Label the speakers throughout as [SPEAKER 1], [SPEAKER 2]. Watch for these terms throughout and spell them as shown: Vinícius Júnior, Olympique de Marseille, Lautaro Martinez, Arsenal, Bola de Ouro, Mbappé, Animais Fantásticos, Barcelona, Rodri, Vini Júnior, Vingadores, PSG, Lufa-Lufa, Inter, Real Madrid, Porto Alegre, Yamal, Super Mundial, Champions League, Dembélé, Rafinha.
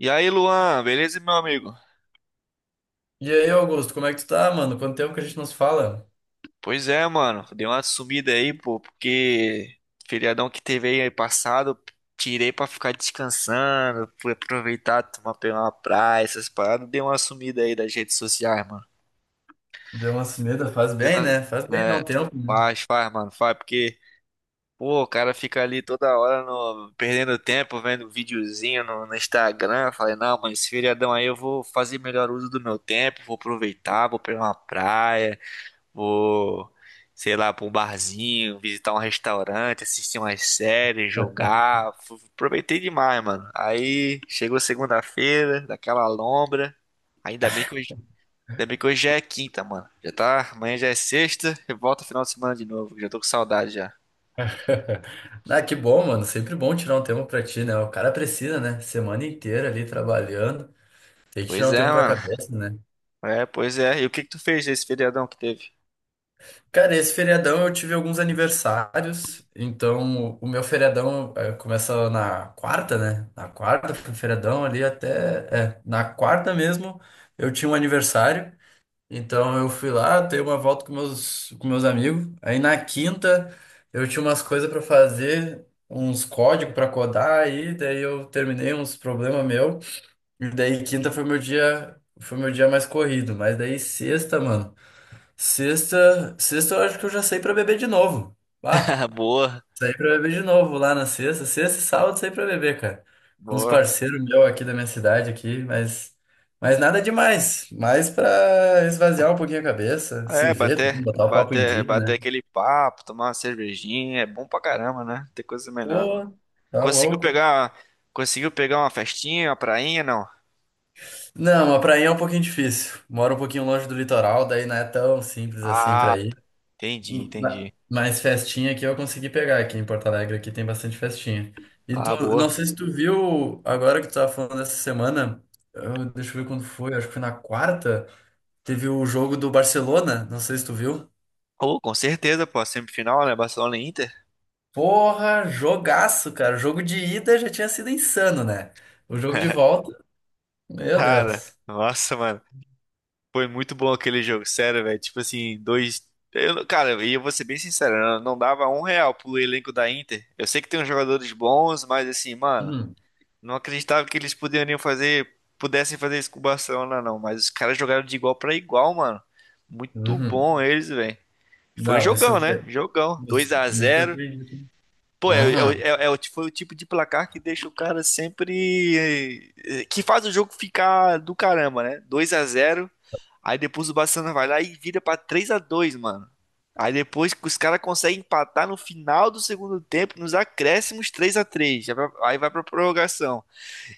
[SPEAKER 1] E aí, Luan, beleza, meu amigo?
[SPEAKER 2] E aí, Augusto, como é que tu tá, mano? Quanto tempo que a gente não se fala?
[SPEAKER 1] Pois é, mano, dei uma sumida aí, pô, porque feriadão que teve aí passado, tirei pra ficar descansando, fui aproveitar, tomar pegar uma praia, essas paradas, dei uma sumida aí das redes sociais, mano.
[SPEAKER 2] Deu uma sumida, faz
[SPEAKER 1] Dei
[SPEAKER 2] bem,
[SPEAKER 1] uma-
[SPEAKER 2] né? Faz bem dar
[SPEAKER 1] É,
[SPEAKER 2] um tempo, né?
[SPEAKER 1] faz, mano, faz, porque, pô, o cara fica ali toda hora no, perdendo tempo, vendo videozinho no Instagram. Eu falei, não, mano, esse feriadão aí eu vou fazer melhor uso do meu tempo, vou aproveitar, vou pegar uma praia. Vou, sei lá, pra um barzinho, visitar um restaurante, assistir umas séries, jogar. Aproveitei demais, mano. Aí chegou segunda-feira, daquela lombra. Ainda bem que hoje, ainda bem que hoje já é quinta, mano. Já tá, amanhã já é sexta, e volta final de semana de novo. Já tô com saudade já.
[SPEAKER 2] Ah, que bom, mano. Sempre bom tirar um tempo pra ti, né? O cara precisa, né? Semana inteira ali trabalhando. Tem que tirar
[SPEAKER 1] Pois
[SPEAKER 2] um
[SPEAKER 1] é,
[SPEAKER 2] tempo pra
[SPEAKER 1] mano.
[SPEAKER 2] cabeça, né?
[SPEAKER 1] É, pois é. E o que que tu fez nesse feriadão que teve?
[SPEAKER 2] Cara, esse feriadão eu tive alguns aniversários. Então, o meu feriadão começa na quarta, né? Na quarta, foi o feriadão ali até. É, na quarta mesmo eu tinha um aniversário. Então eu fui lá, dei uma volta com meus amigos. Aí na quinta eu tinha umas coisas para fazer, uns códigos para codar aí, daí eu terminei uns problemas meu. E daí quinta foi meu dia mais corrido, mas daí sexta, mano. Sexta eu acho que eu já saí para beber de novo. Ah,
[SPEAKER 1] Ah, boa,
[SPEAKER 2] saí pra beber de novo lá na sexta. Sexta e sábado saí pra beber, cara. Com uns
[SPEAKER 1] boa.
[SPEAKER 2] parceiros meus aqui da minha cidade aqui, mas nada demais. Mais pra esvaziar um pouquinho a cabeça, se
[SPEAKER 1] É,
[SPEAKER 2] ver, também,
[SPEAKER 1] bater,
[SPEAKER 2] botar o papo em
[SPEAKER 1] bater,
[SPEAKER 2] dia,
[SPEAKER 1] bater
[SPEAKER 2] né?
[SPEAKER 1] aquele papo, tomar uma cervejinha, é bom pra caramba, né? Tem coisa melhor, não.
[SPEAKER 2] Pô, tá
[SPEAKER 1] Conseguiu
[SPEAKER 2] louco.
[SPEAKER 1] pegar, conseguiu pegar uma festinha, uma prainha, não?
[SPEAKER 2] Não, mas pra ir é um pouquinho difícil. Moro um pouquinho longe do litoral, daí não é tão simples assim pra
[SPEAKER 1] Ah,
[SPEAKER 2] ir.
[SPEAKER 1] entendi, entendi.
[SPEAKER 2] Mas festinha aqui eu consegui pegar aqui em Porto Alegre, aqui tem bastante festinha. E
[SPEAKER 1] Ah,
[SPEAKER 2] tu, não
[SPEAKER 1] boa.
[SPEAKER 2] sei se tu viu, agora que tu tava falando essa semana, deixa eu ver quando foi, acho que foi na quarta, teve o jogo do Barcelona, não sei se tu viu.
[SPEAKER 1] Oh, com certeza, pô, semifinal, né? Barcelona e Inter.
[SPEAKER 2] Porra, jogaço, cara. O jogo de ida já tinha sido insano, né? O jogo de volta, meu
[SPEAKER 1] Cara,
[SPEAKER 2] Deus.
[SPEAKER 1] nossa, mano. Foi muito bom aquele jogo, sério, velho. Tipo assim, dois. Eu, cara, e eu vou ser bem sincero, eu não dava um real pro elenco da Inter. Eu sei que tem uns jogadores bons, mas assim, mano,
[SPEAKER 2] Uhum.
[SPEAKER 1] não acreditava que eles poderiam fazer, pudessem fazer isso com o Barcelona, não. Mas os caras jogaram de igual pra igual, mano. Muito
[SPEAKER 2] Uhum.
[SPEAKER 1] bom eles, velho. Foi um
[SPEAKER 2] Não, me
[SPEAKER 1] jogão, né?
[SPEAKER 2] surpreendi.
[SPEAKER 1] Jogão.
[SPEAKER 2] Me,
[SPEAKER 1] Dois a
[SPEAKER 2] me
[SPEAKER 1] zero.
[SPEAKER 2] surpreendi.
[SPEAKER 1] Pô, é, é,
[SPEAKER 2] Uhum.
[SPEAKER 1] é, é o- ti- foi o tipo de placar que deixa o cara sempre. Que faz o jogo ficar do caramba, né? Dois a zero. Aí depois o Barcelona vai lá e vira pra 3 a dois, mano. Aí depois que os caras conseguem empatar no final do segundo tempo, nos acréscimos, 3 a três. Aí vai pra prorrogação.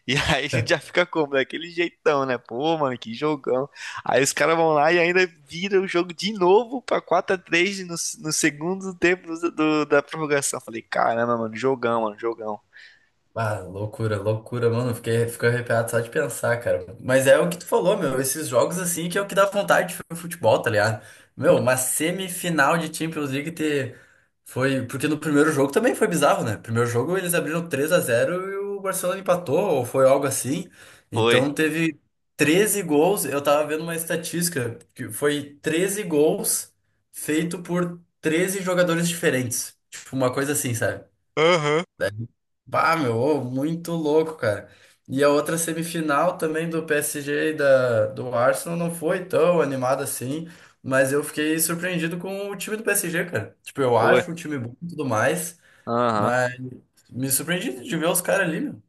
[SPEAKER 1] E aí a gente já fica como? Daquele jeitão, né? Pô, mano, que jogão. Aí os caras vão lá e ainda vira o jogo de novo pra quatro a três no segundo tempo da prorrogação. Falei, caramba, mano, jogão, mano, jogão.
[SPEAKER 2] Ah, loucura, loucura, mano. Fiquei, fico arrepiado só de pensar, cara. Mas é o que tu falou, meu. Esses jogos assim que é o que dá vontade de ver o futebol, tá ligado? Meu, uma semifinal de Champions League ter. Foi. Porque no primeiro jogo também foi bizarro, né? Primeiro jogo eles abriram 3 a 0 e o Barcelona empatou, ou foi algo assim.
[SPEAKER 1] Foi,
[SPEAKER 2] Então teve 13 gols. Eu tava vendo uma estatística que foi 13 gols feito por 13 jogadores diferentes. Tipo, uma coisa assim, sabe?
[SPEAKER 1] aham,
[SPEAKER 2] Bah, meu, ô, muito louco, cara. E a outra semifinal também do PSG e do Arsenal não foi tão animada assim, mas eu fiquei surpreendido com o time do PSG, cara. Tipo, eu
[SPEAKER 1] foi.
[SPEAKER 2] acho um time bom e tudo mais,
[SPEAKER 1] Aham.
[SPEAKER 2] mas me surpreendi de ver os caras ali, meu.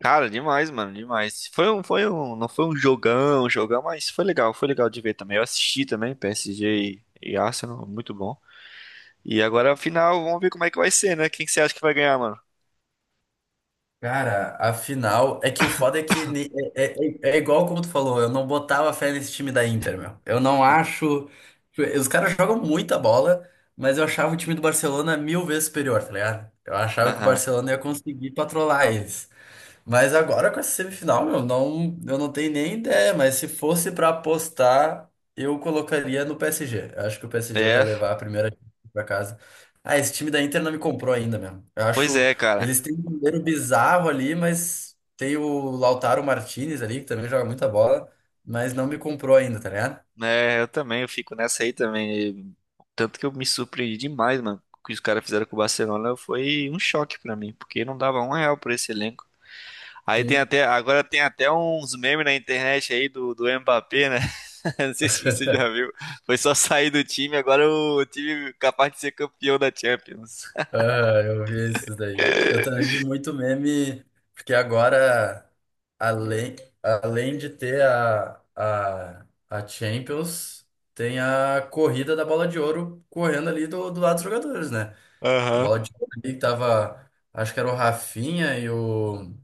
[SPEAKER 1] Cara, demais, mano, demais. Não foi um jogão, mas foi legal de ver também. Eu assisti também, PSG e Arsenal, muito bom. E agora, final, vamos ver como é que vai ser, né? Quem que você acha que vai ganhar, mano?
[SPEAKER 2] Cara, afinal, é que o foda é que é igual como tu falou, eu não botava fé nesse time da Inter, meu. Eu não acho. Tipo, os caras jogam muita bola, mas eu achava o time do Barcelona mil vezes superior, tá ligado? Eu achava que o
[SPEAKER 1] Aham.
[SPEAKER 2] Barcelona ia conseguir patrolar eles. Mas agora com essa semifinal, meu, não, eu não tenho nem ideia, mas se fosse pra apostar, eu colocaria no PSG. Eu acho que o PSG vai
[SPEAKER 1] É.
[SPEAKER 2] levar a primeira pra casa. Ah, esse time da Inter não me comprou ainda, meu. Eu
[SPEAKER 1] Pois
[SPEAKER 2] acho,
[SPEAKER 1] é, cara.
[SPEAKER 2] eles têm um goleiro bizarro ali, mas tem o Lautaro Martinez ali, que também joga muita bola, mas não me comprou ainda, tá ligado?
[SPEAKER 1] É, eu também, eu fico nessa aí também. Tanto que eu me surpreendi demais, mano. O que os caras fizeram com o Barcelona foi um choque pra mim, porque não dava um real por esse elenco. Aí tem
[SPEAKER 2] Sim.
[SPEAKER 1] até, agora tem até uns memes na internet aí do Mbappé, né? Não sei se você já viu. Foi só sair do time, agora o time é capaz de ser campeão da Champions.
[SPEAKER 2] Ah, eu vi esses daí. Eu também vi muito meme, porque agora, além, além de ter a Champions, tem a corrida da Bola de Ouro correndo ali do, do lado dos jogadores, né?
[SPEAKER 1] Aham.
[SPEAKER 2] Bola de Ouro ali que tava, acho que era o Rafinha e o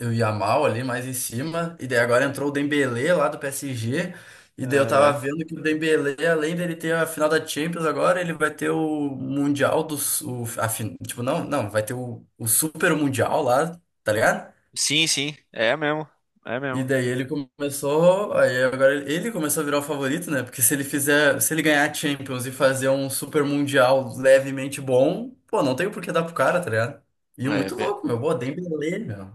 [SPEAKER 2] e o Yamal ali mais em cima, e daí agora entrou o Dembélé lá do PSG,
[SPEAKER 1] É,
[SPEAKER 2] e daí eu tava
[SPEAKER 1] é.
[SPEAKER 2] vendo que o Dembélé, além dele ter a final da Champions agora, ele vai ter o Mundial do... Su- O, a, fin- tipo, não, não, vai ter o Super Mundial lá, tá ligado?
[SPEAKER 1] Sim, sim, é mesmo. É
[SPEAKER 2] E
[SPEAKER 1] mesmo.
[SPEAKER 2] daí ele começou, aí agora ele começou a virar o favorito, né? Porque se ele fizer, se ele ganhar a Champions e fazer um Super Mundial levemente bom, pô, não tem por que dar pro cara, tá ligado? E muito
[SPEAKER 1] É,
[SPEAKER 2] louco, meu, pô, Dembélé, meu,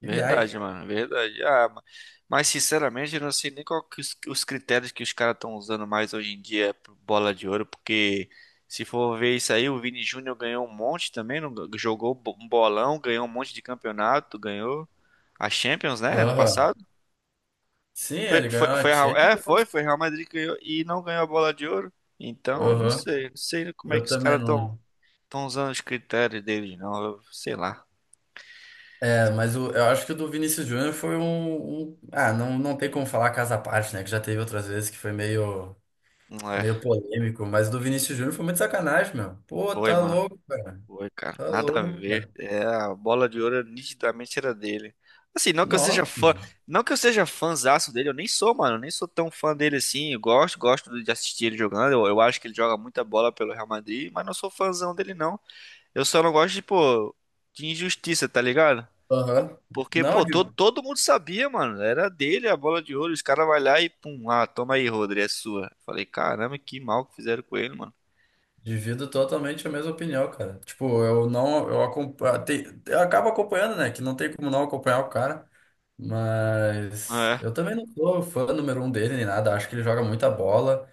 [SPEAKER 2] que viagem.
[SPEAKER 1] verdade, mano, verdade. Mas sinceramente, eu não sei nem qual que os critérios que os caras estão usando mais hoje em dia pro bola de ouro, porque se for ver isso aí, o Vini Júnior ganhou um monte também, não, jogou um bolão, ganhou um monte de campeonato, ganhou a Champions, né, ano
[SPEAKER 2] Aham.
[SPEAKER 1] passado.
[SPEAKER 2] Sim, ele ganhou a
[SPEAKER 1] A é, foi,
[SPEAKER 2] Champions.
[SPEAKER 1] foi Real Madrid que ganhou e não ganhou a bola de ouro. Então, não
[SPEAKER 2] Aham.
[SPEAKER 1] sei, não sei como é
[SPEAKER 2] Eu
[SPEAKER 1] que os
[SPEAKER 2] também
[SPEAKER 1] caras estão
[SPEAKER 2] não.
[SPEAKER 1] estão usando os critérios deles, não, eu, sei lá.
[SPEAKER 2] É, mas eu acho que o do Vinícius Júnior foi ah, não, não tem como falar caso à parte, né? Que já teve outras vezes que foi meio,
[SPEAKER 1] Não é,
[SPEAKER 2] meio polêmico. Mas o do Vinícius Júnior foi muito sacanagem, meu. Pô,
[SPEAKER 1] foi,
[SPEAKER 2] tá
[SPEAKER 1] mano.
[SPEAKER 2] louco, cara.
[SPEAKER 1] Foi, cara.
[SPEAKER 2] Tá
[SPEAKER 1] Nada a
[SPEAKER 2] louco,
[SPEAKER 1] ver.
[SPEAKER 2] cara.
[SPEAKER 1] É, a bola de ouro nitidamente era dele. Assim, não que eu seja
[SPEAKER 2] Nossa,
[SPEAKER 1] fã,
[SPEAKER 2] mano.
[SPEAKER 1] não que eu seja fãzaço dele, eu nem sou, mano, eu nem sou tão fã dele assim. Eu gosto, gosto de assistir ele jogando. Eu acho que ele joga muita bola pelo Real Madrid, mas não sou fãzão dele não. Eu só não gosto de, pô, de injustiça, tá ligado?
[SPEAKER 2] Aham.
[SPEAKER 1] Porque,
[SPEAKER 2] Não,
[SPEAKER 1] pô, todo,
[SPEAKER 2] de-
[SPEAKER 1] todo mundo sabia, mano. Era dele a bola de ouro. Os caras vai lá e pum, ah, toma aí, Rodri, é sua. Falei, caramba, que mal que fizeram com ele, mano.
[SPEAKER 2] Divido totalmente a mesma opinião, cara. Tipo, eu não, eu acompanho, eu acabo acompanhando, né? Que não tem como não acompanhar o cara. Mas
[SPEAKER 1] É.
[SPEAKER 2] eu também não sou fã número um dele nem nada. Acho que ele joga muita bola.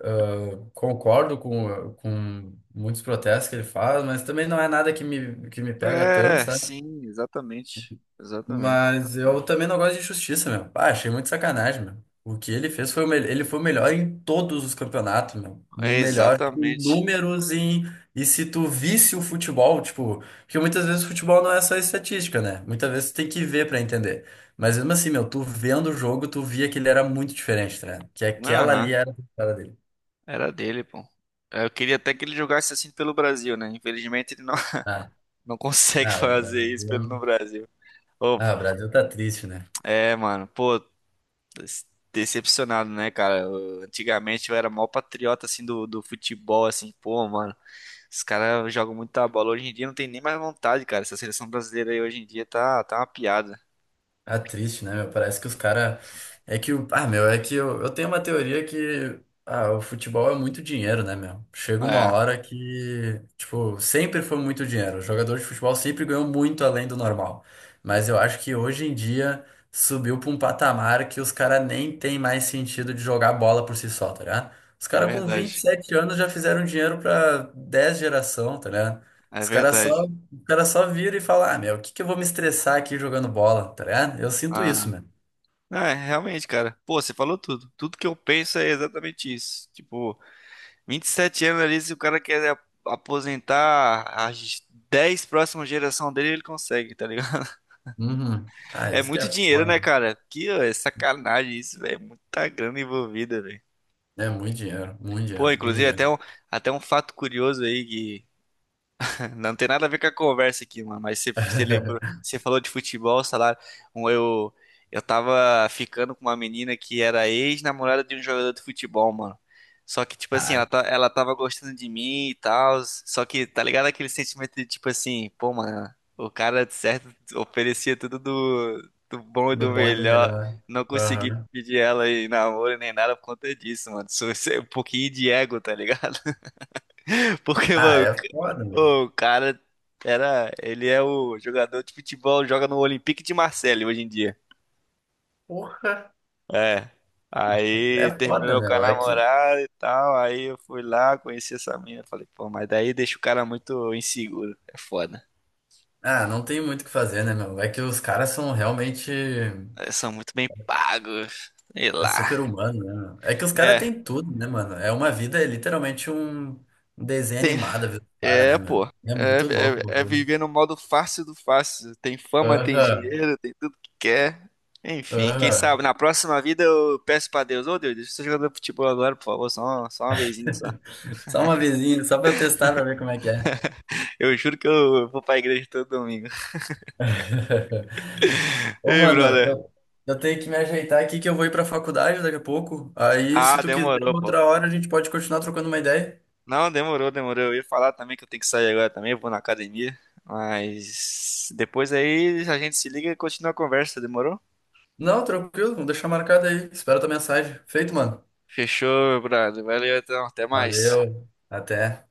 [SPEAKER 2] Ah, concordo com muitos protestos que ele faz, mas também não é nada que me, que me pega tanto,
[SPEAKER 1] É,
[SPEAKER 2] sabe?
[SPEAKER 1] sim, exatamente. Exatamente.
[SPEAKER 2] Mas eu também não gosto de injustiça, meu. Ah, achei muito sacanagem, meu. O que ele fez foi o melhor. Ele foi o melhor em todos os campeonatos, meu. O
[SPEAKER 1] É,
[SPEAKER 2] melhor tipo,
[SPEAKER 1] exatamente.
[SPEAKER 2] e se tu visse o futebol, tipo, porque muitas vezes o futebol não é só estatística, né? Muitas vezes tu tem que ver pra entender. Mas mesmo assim, meu, tu vendo o jogo, tu via que ele era muito diferente, tá ligado? Que aquela
[SPEAKER 1] Aham,
[SPEAKER 2] ali era a cara dele.
[SPEAKER 1] era dele, pô. Eu queria até que ele jogasse assim pelo Brasil, né? Infelizmente ele não,
[SPEAKER 2] Ah,
[SPEAKER 1] não consegue
[SPEAKER 2] ah, o
[SPEAKER 1] fazer isso pelo
[SPEAKER 2] Brasil...
[SPEAKER 1] no Brasil. Ô,
[SPEAKER 2] Ah, o Brasil tá triste, né?
[SPEAKER 1] é, mano, pô, des- decepcionado, né, cara? Antigamente eu era mó patriota, assim, do futebol, assim, pô, mano, os caras jogam muita bola. Hoje em dia não tem nem mais vontade, cara. Essa seleção brasileira aí hoje em dia tá, tá uma piada.
[SPEAKER 2] Ah, triste, né, meu? Parece que os caras. É que o. Ah, meu, é que eu tenho uma teoria que. Ah, o futebol é muito dinheiro, né, meu? Chega uma
[SPEAKER 1] É,
[SPEAKER 2] hora que. Tipo, sempre foi muito dinheiro. O jogador de futebol sempre ganhou muito além do normal. Mas eu acho que hoje em dia subiu pra um patamar que os caras nem tem mais sentido de jogar bola por si só, tá ligado? Os
[SPEAKER 1] é
[SPEAKER 2] caras com vinte e
[SPEAKER 1] verdade.
[SPEAKER 2] sete anos já fizeram dinheiro pra 10 geração, tá ligado?
[SPEAKER 1] É
[SPEAKER 2] Os caras só.
[SPEAKER 1] verdade.
[SPEAKER 2] O cara só vira e fala: ah, meu, o que que eu vou me estressar aqui jogando bola, tá ligado? Eu sinto isso,
[SPEAKER 1] Ah,
[SPEAKER 2] mano.
[SPEAKER 1] é, realmente, cara. Pô, você falou tudo. Tudo que eu penso é exatamente isso. Tipo, 27 anos ali, se o cara quer aposentar as 10 próximas gerações dele, ele consegue, tá ligado?
[SPEAKER 2] Uhum. Ah,
[SPEAKER 1] É
[SPEAKER 2] isso que é
[SPEAKER 1] muito dinheiro,
[SPEAKER 2] foda,
[SPEAKER 1] né,
[SPEAKER 2] mano.
[SPEAKER 1] cara? Que ó, é sacanagem isso, velho. É muita grana envolvida, velho.
[SPEAKER 2] É muito dinheiro, muito
[SPEAKER 1] Pô,
[SPEAKER 2] dinheiro, muito
[SPEAKER 1] inclusive,
[SPEAKER 2] dinheiro.
[SPEAKER 1] até um fato curioso aí. Não tem nada a ver com a conversa aqui, mano. Mas você, você lembrou, você falou de futebol, salário. Um, Eu, eu tava ficando com uma menina que era ex-namorada de um jogador de futebol, mano. Só que, tipo assim, ela,
[SPEAKER 2] Caralho,
[SPEAKER 1] tá, ela tava gostando de mim e tal. Só que, tá ligado aquele sentimento de, tipo assim, pô, mano, o cara, de certo, oferecia tudo do, do bom e
[SPEAKER 2] do
[SPEAKER 1] do
[SPEAKER 2] bom e do
[SPEAKER 1] melhor.
[SPEAKER 2] melhor.
[SPEAKER 1] Não consegui
[SPEAKER 2] Aham.
[SPEAKER 1] pedir ela em namoro nem nada por conta disso, mano. Sou um pouquinho de ego, tá ligado? Porque,
[SPEAKER 2] Ah,
[SPEAKER 1] mano,
[SPEAKER 2] é foda, mano.
[SPEAKER 1] o cara era. Ele é o jogador de futebol, joga no Olympique de Marseille hoje em dia.
[SPEAKER 2] Porra,
[SPEAKER 1] É. Aí
[SPEAKER 2] é foda,
[SPEAKER 1] terminou com a
[SPEAKER 2] meu. É que.
[SPEAKER 1] namorada e tal. Aí eu fui lá, conheci essa mina. Falei, pô, mas daí deixa o cara muito inseguro. É foda.
[SPEAKER 2] Ah, não tem muito o que fazer, né, meu? É que os caras são realmente
[SPEAKER 1] Eles são muito bem pagos. Sei
[SPEAKER 2] é super
[SPEAKER 1] lá.
[SPEAKER 2] humano, né, meu? É que os caras
[SPEAKER 1] É.
[SPEAKER 2] têm tudo, né, mano? É uma vida, é literalmente um desenho
[SPEAKER 1] Tem,
[SPEAKER 2] animado, viu, cara,
[SPEAKER 1] é,
[SPEAKER 2] né, meu?
[SPEAKER 1] pô.
[SPEAKER 2] É
[SPEAKER 1] É,
[SPEAKER 2] muito louco o
[SPEAKER 1] é, é
[SPEAKER 2] bagulho.
[SPEAKER 1] viver no modo fácil do fácil. Tem fama, tem
[SPEAKER 2] Aham.
[SPEAKER 1] dinheiro, tem tudo que quer. Enfim, quem
[SPEAKER 2] Aham.
[SPEAKER 1] sabe na próxima vida eu peço pra Deus: ô Deus, deixa eu ser jogador de futebol agora, por favor, só uma vezinha só.
[SPEAKER 2] Só uma vezinha, só pra eu testar pra ver como é que é.
[SPEAKER 1] Eu juro que eu vou pra igreja todo domingo.
[SPEAKER 2] Ô,
[SPEAKER 1] Ei,
[SPEAKER 2] mano,
[SPEAKER 1] brother.
[SPEAKER 2] eu tenho que me ajeitar aqui que eu vou ir pra faculdade daqui a pouco. Aí, se
[SPEAKER 1] Ah,
[SPEAKER 2] tu quiser,
[SPEAKER 1] demorou, pô.
[SPEAKER 2] outra hora a gente pode continuar trocando uma ideia.
[SPEAKER 1] Não, demorou, demorou. Eu ia falar também que eu tenho que sair agora também, eu vou na academia. Mas depois aí a gente se liga e continua a conversa, demorou?
[SPEAKER 2] Não, tranquilo, vou deixar marcado aí. Espero tua mensagem. Feito, mano.
[SPEAKER 1] Fechou, meu brother. Valeu, então. Até mais.
[SPEAKER 2] Valeu, até.